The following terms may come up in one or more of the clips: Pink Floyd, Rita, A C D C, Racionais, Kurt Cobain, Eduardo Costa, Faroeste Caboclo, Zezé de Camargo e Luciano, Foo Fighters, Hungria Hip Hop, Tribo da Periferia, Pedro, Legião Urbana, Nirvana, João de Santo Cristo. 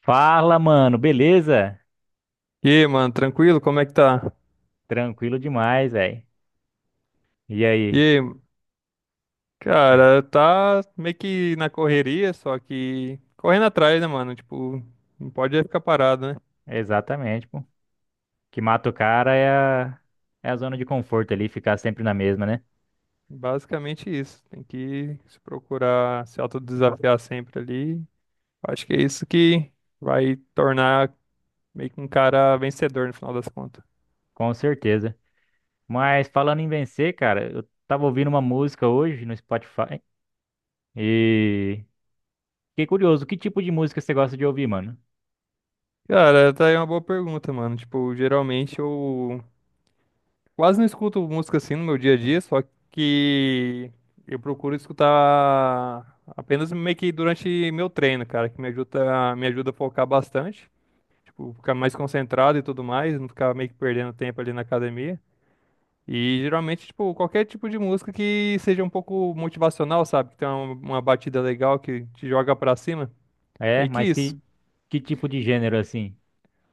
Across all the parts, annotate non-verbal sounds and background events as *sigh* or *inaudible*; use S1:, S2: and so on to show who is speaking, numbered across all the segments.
S1: Fala, mano, beleza?
S2: E aí, mano, tranquilo? Como é que tá?
S1: Tranquilo demais, velho. E
S2: E
S1: aí?
S2: aí,
S1: É.
S2: cara, tá meio que na correria, só que correndo atrás, né, mano? Tipo, não pode ficar parado, né?
S1: Exatamente, pô. O que mata o cara é a zona de conforto ali, ficar sempre na mesma, né?
S2: Basicamente isso. Tem que se procurar se autodesafiar sempre ali. Acho que é isso que vai tornar meio que um cara vencedor no final das contas.
S1: Com certeza. Mas falando em vencer, cara, eu tava ouvindo uma música hoje no Spotify e fiquei curioso, que tipo de música você gosta de ouvir, mano?
S2: Cara, tá aí uma boa pergunta, mano. Tipo, geralmente eu quase não escuto música assim no meu dia a dia, só que eu procuro escutar apenas meio que durante meu treino, cara, que me ajuda, a focar bastante, tipo, ficar mais concentrado e tudo mais, não ficar meio que perdendo tempo ali na academia. E geralmente, tipo, qualquer tipo de música que seja um pouco motivacional, sabe? Que tem uma, batida legal que te joga pra cima.
S1: É,
S2: E que
S1: mas
S2: isso.
S1: que tipo de gênero assim?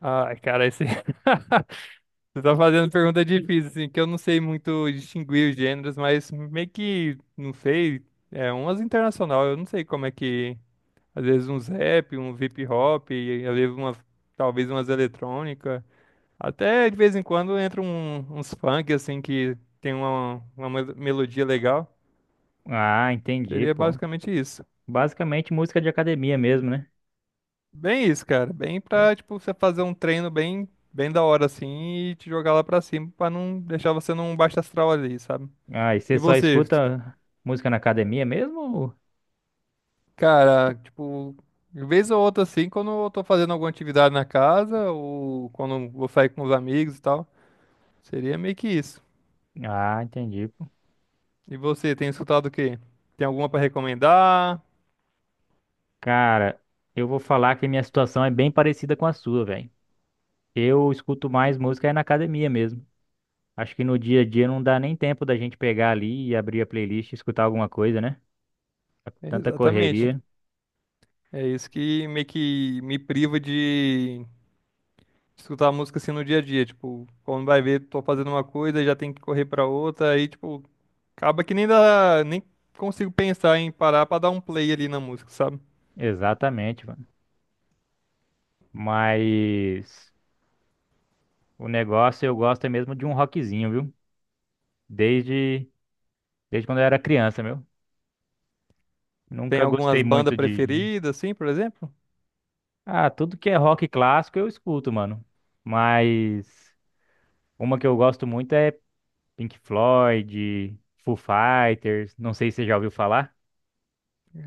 S2: Ai, cara, esse. *laughs* Você tá fazendo pergunta difícil, assim, que eu não sei muito distinguir os gêneros, mas meio que, não sei, é umas internacional, eu não sei como é que, às vezes uns rap, um hip hop, e às vezes uma, talvez umas eletrônica, até de vez em quando entra um, uns funk, assim, que tem uma, melodia legal,
S1: Ah, entendi,
S2: seria
S1: pô.
S2: basicamente isso.
S1: Basicamente música de academia mesmo, né?
S2: Bem isso, cara, bem pra, tipo, você fazer um treino bem, bem da hora, assim, e te jogar lá pra cima, pra não deixar você num baixo astral ali, sabe?
S1: Ah, e
S2: E
S1: você só
S2: você?
S1: escuta música na academia mesmo?
S2: Cara, tipo, de vez ou outra assim, quando eu tô fazendo alguma atividade na casa ou quando eu vou sair com os amigos e tal, seria meio que isso.
S1: Ah, entendi, pô.
S2: E você, tem escutado o quê? Tem alguma pra recomendar?
S1: Cara, eu vou falar que minha situação é bem parecida com a sua, velho. Eu escuto mais música é na academia mesmo. Acho que no dia a dia não dá nem tempo da gente pegar ali e abrir a playlist e escutar alguma coisa, né?
S2: É,
S1: Tanta
S2: exatamente.
S1: correria.
S2: É isso que meio que me priva de escutar música assim no dia a dia, tipo, quando vai ver, tô fazendo uma coisa e já tem que correr pra outra, aí tipo, acaba que nem dá, nem consigo pensar em parar pra dar um play ali na música, sabe?
S1: Exatamente, mano. Mas o negócio eu gosto é mesmo de um rockzinho, viu? Desde, desde quando eu era criança, meu.
S2: Tem
S1: Nunca gostei
S2: algumas bandas
S1: muito de.
S2: preferidas assim, por exemplo?
S1: Ah, tudo que é rock clássico eu escuto, mano. Mas uma que eu gosto muito é Pink Floyd, Foo Fighters, não sei se você já ouviu falar.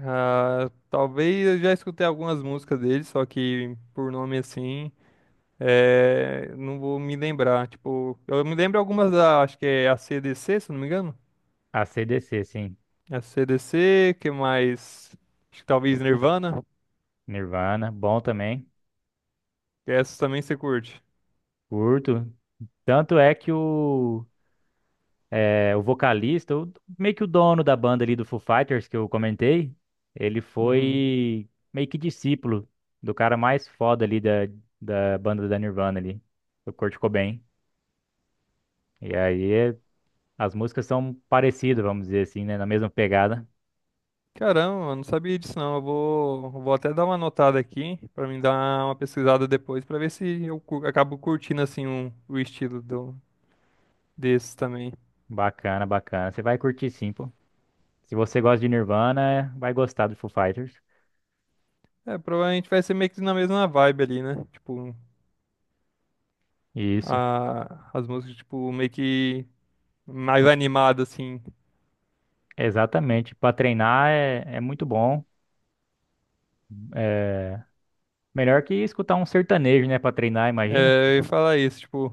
S2: Ah, talvez eu já escutei algumas músicas dele, só que por nome assim, é, não vou me lembrar. Tipo, eu me lembro algumas da, acho que é a C D C se eu não me engano.
S1: AC/DC, sim.
S2: A C D C, que mais? Acho que talvez Nirvana.
S1: Nirvana, bom também.
S2: Que essas também você curte.
S1: Curto. Tanto é que o vocalista, meio que o dono da banda ali do Foo Fighters que eu comentei, ele
S2: Uhum.
S1: foi meio que discípulo do cara mais foda ali da banda da Nirvana ali, do Kurt Cobain. E aí é As músicas são parecidas, vamos dizer assim, né? Na mesma pegada.
S2: Caramba, eu não sabia disso não. Eu vou até dar uma anotada aqui pra mim dar uma pesquisada depois pra ver se acabo curtindo assim o estilo do, desses também.
S1: Bacana, bacana. Você vai curtir sim, pô. Se você gosta de Nirvana, vai gostar do Foo Fighters.
S2: É, provavelmente vai ser meio que na mesma vibe ali, né? Tipo,
S1: Isso,
S2: as músicas, tipo, meio que mais animado, assim.
S1: exatamente. Pra treinar é muito bom. É melhor que escutar um sertanejo, né? Pra treinar, imagina.
S2: É, eu ia falar isso, tipo,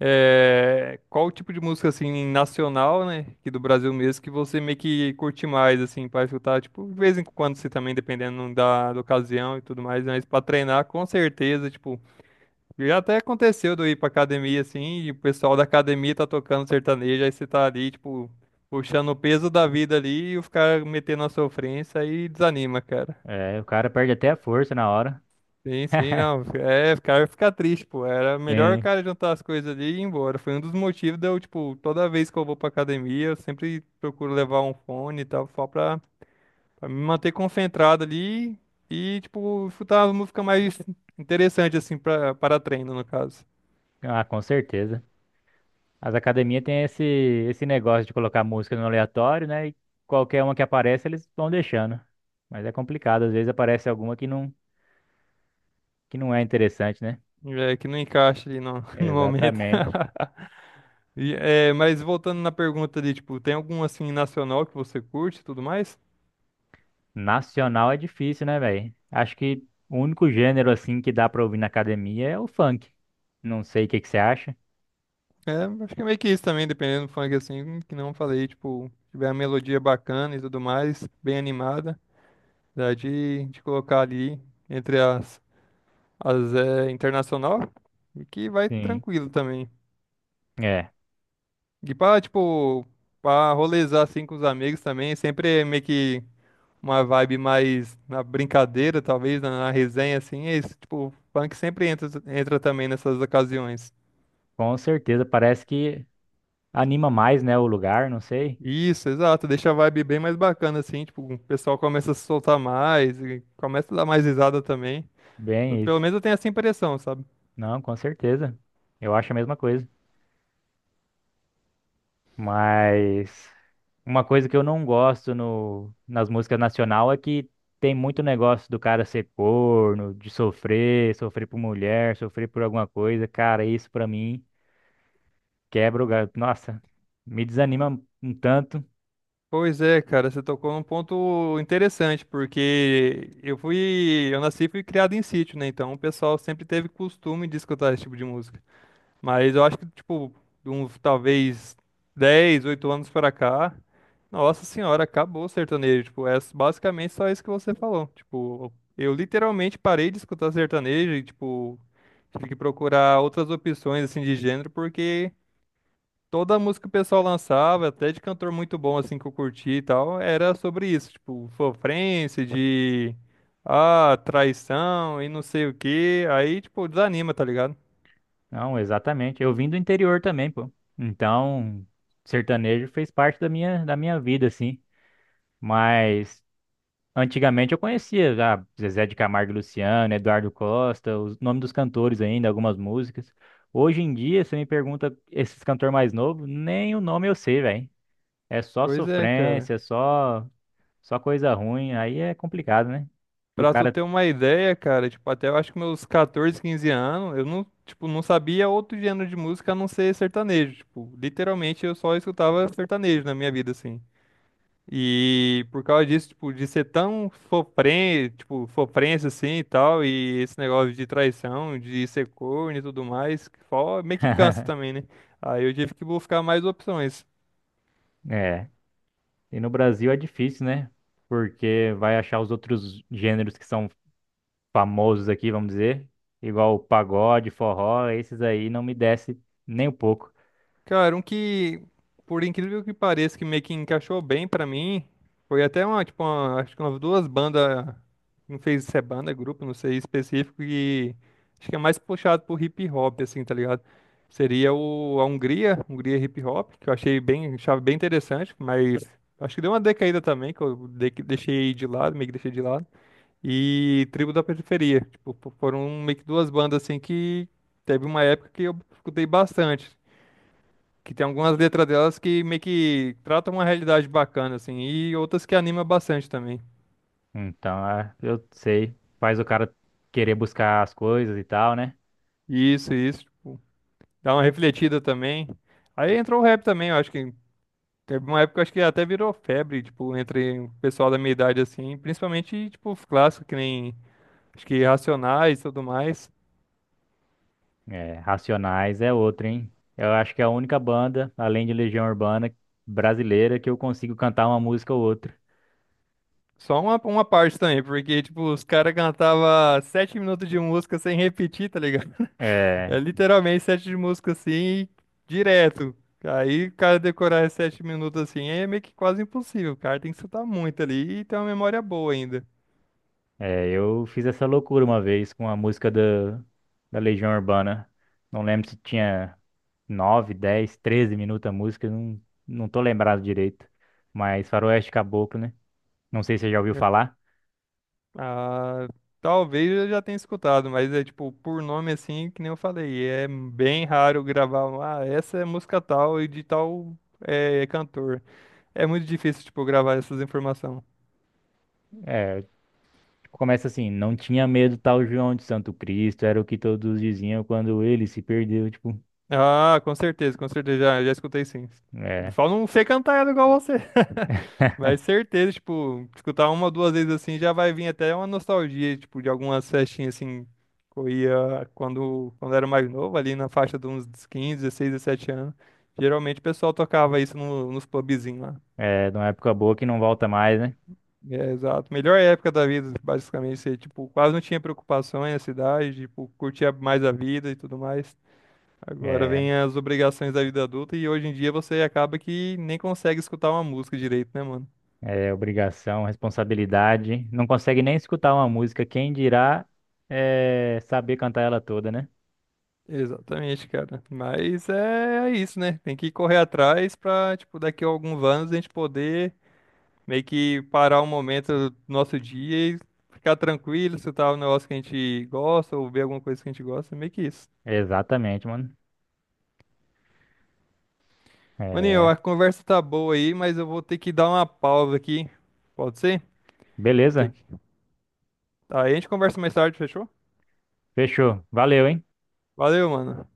S2: é, qual o tipo de música, assim, nacional, né? Que do Brasil mesmo, que você meio que curte mais, assim, pra escutar, tipo, de vez em quando, se também, dependendo da, ocasião e tudo mais, mas pra treinar, com certeza, tipo, já até aconteceu de eu ir pra academia assim, e o pessoal da academia tá tocando sertanejo, aí você tá ali, tipo, puxando o peso da vida ali e os caras metendo a sofrência aí desanima, cara.
S1: É, o cara perde até a força na hora.
S2: Sim, sim, não. É, o cara fica triste, pô. Era melhor o
S1: Tem.
S2: cara juntar as coisas ali e ir embora. Foi um dos motivos de eu, tipo, toda vez que eu vou pra academia, eu sempre procuro levar um fone e tal, só pra, pra me manter concentrado ali e, tipo, escutar uma música mais interessante, assim, pra, para treino, no caso.
S1: Ah, com certeza. As academias têm esse negócio de colocar música no aleatório, né? E qualquer uma que aparece, eles vão deixando. Mas é complicado, às vezes aparece alguma que não é interessante, né?
S2: É, que não encaixa ali no, *laughs* no momento.
S1: Exatamente.
S2: *laughs* E, é, mas voltando na pergunta ali, tipo, tem algum assim nacional que você curte e tudo mais?
S1: Nacional é difícil, né, velho? Acho que o único gênero assim que dá pra ouvir na academia é o funk. Não sei o que que você acha.
S2: É, acho que é meio que isso também, dependendo do funk assim, que não falei, tipo, tiver uma melodia bacana e tudo mais, bem animada, dá de colocar ali entre as é, internacional e que vai
S1: Sim.
S2: tranquilo também.
S1: É,
S2: E pra, tipo, pra rolezar assim com os amigos também, sempre é meio que uma vibe mais na brincadeira, talvez, na, resenha, assim, é isso. Tipo, o funk sempre entra, também nessas ocasiões.
S1: com certeza. Parece que anima mais, né, o lugar, não sei.
S2: Isso, exato, deixa a vibe bem mais bacana, assim, tipo, o pessoal começa a se soltar mais, e começa a dar mais risada também.
S1: Bem
S2: Pelo
S1: isso.
S2: menos eu tenho essa impressão, sabe?
S1: Não, com certeza. Eu acho a mesma coisa. Mas uma coisa que eu não gosto no, nas músicas nacional é que tem muito negócio do cara ser corno, de sofrer, sofrer por mulher, sofrer por alguma coisa. Cara, isso pra mim quebra o gato. Nossa, me desanima um tanto.
S2: Pois é, cara, você tocou num ponto interessante, porque eu nasci e fui criado em sítio, né? Então o pessoal sempre teve costume de escutar esse tipo de música. Mas eu acho que, tipo, de uns talvez 10, 8 anos pra cá, nossa senhora, acabou o sertanejo. Tipo, é basicamente só isso que você falou. Tipo, eu literalmente parei de escutar sertanejo e, tipo, tive que procurar outras opções, assim, de gênero, porque toda a música que o pessoal lançava, até de cantor muito bom, assim, que eu curti e tal, era sobre isso. Tipo, sofrência, de, ah, traição e não sei o quê. Aí, tipo, desanima, tá ligado?
S1: Não, exatamente. Eu vim do interior também, pô. Então, sertanejo fez parte da minha vida, assim. Mas. Antigamente eu conhecia já Zezé de Camargo e Luciano, Eduardo Costa, os nomes dos cantores ainda, algumas músicas. Hoje em dia, você me pergunta esses cantores mais novos, nem o nome eu sei, velho. É só
S2: Pois é, cara.
S1: sofrência, só coisa ruim, aí é complicado, né? Que o
S2: Pra tu
S1: cara
S2: ter uma ideia, cara, tipo, até eu acho que meus 14, 15 anos, eu não, tipo, não sabia outro gênero de música a não ser sertanejo. Tipo, literalmente eu só escutava sertanejo na minha vida, assim. E por causa disso, tipo, de ser tão sofrência, tipo, sofrência assim e tal, e esse negócio de traição, de ser corno e tudo mais, que só meio que cansa
S1: *laughs*
S2: também, né? Aí eu tive que buscar mais opções.
S1: é. E no Brasil é difícil, né? Porque vai achar os outros gêneros que são famosos aqui, vamos dizer, igual o pagode, forró, esses aí não me desce nem um pouco.
S2: Cara, um que, por incrível que pareça, que meio que encaixou bem pra mim, foi até uma, tipo, acho que umas duas bandas, não fez se é banda, grupo, não sei, específico, e acho que é mais puxado por hip hop, assim, tá ligado? Seria a Hungria, Hungria Hip Hop, que eu achei bem, achava bem interessante, mas acho que deu uma decaída também, que deixei de lado, meio que deixei de lado. E Tribo da Periferia, tipo, foram meio que duas bandas, assim, que teve uma época que eu escutei bastante. Que tem algumas letras delas que meio que tratam uma realidade bacana, assim, e outras que anima bastante também.
S1: Então, eu sei. Faz o cara querer buscar as coisas e tal, né?
S2: Isso, tipo, dá uma refletida também. Aí entrou o rap também, eu acho que teve uma época, eu acho que até virou febre, tipo, entre o pessoal da minha idade, assim, principalmente, tipo, os clássicos, que nem, acho que Racionais e tudo mais.
S1: É, Racionais é outra, hein? Eu acho que é a única banda, além de Legião Urbana, brasileira, que eu consigo cantar uma música ou outra.
S2: Só uma, parte também, porque, tipo, os caras cantavam 7 minutos de música sem repetir, tá ligado? É
S1: É,
S2: literalmente sete de música assim, direto. Aí o cara decorar 7 minutos assim é meio que quase impossível. O cara tem que escutar muito ali e ter uma memória boa ainda.
S1: eu fiz essa loucura uma vez com a música da Legião Urbana. Não lembro se tinha 9 10 13 minutos a música, não, não tô lembrado direito. Mas Faroeste Caboclo, né? Não sei se você já ouviu
S2: É.
S1: falar.
S2: Ah, talvez eu já tenha escutado, mas é tipo, por nome assim, que nem eu falei, é bem raro gravar, um, ah, essa é música tal e de tal é, cantor. É muito difícil, tipo, gravar essas informações.
S1: É, começa assim, não tinha medo tal João de Santo Cristo, era o que todos diziam quando ele se perdeu, tipo,
S2: Ah, com certeza, com certeza. Já escutei sim. Eu
S1: é,
S2: só não sei cantar ela igual você. *laughs* Mas certeza, tipo, escutar uma ou duas vezes assim já vai vir até uma nostalgia, tipo, de algumas festinhas assim que eu ia quando era mais novo, ali na faixa de uns 15, 16, 17 anos. Geralmente o pessoal tocava isso nos pubzinhos lá.
S1: é de uma época boa que não volta mais, né?
S2: É, exato. Melhor época da vida, basicamente. Você, tipo, quase não tinha preocupações na cidade, tipo, curtia mais a vida e tudo mais. Agora
S1: É,
S2: vem as obrigações da vida adulta e hoje em dia você acaba que nem consegue escutar uma música direito, né, mano?
S1: é obrigação, responsabilidade, não consegue nem escutar uma música, quem dirá é saber cantar ela toda, né?
S2: Exatamente, cara. É isso, né? Tem que correr atrás pra, tipo, daqui a alguns anos a gente poder meio que parar um momento do nosso dia e ficar tranquilo, escutar um negócio que a gente gosta ou ver alguma coisa que a gente gosta, meio que isso.
S1: Exatamente, mano.
S2: Maninho,
S1: É,
S2: a conversa tá boa aí, mas eu vou ter que dar uma pausa aqui. Pode ser? Tem
S1: beleza,
S2: que... Aí a gente conversa mais tarde, fechou?
S1: fechou, valeu, hein?
S2: Valeu, mano.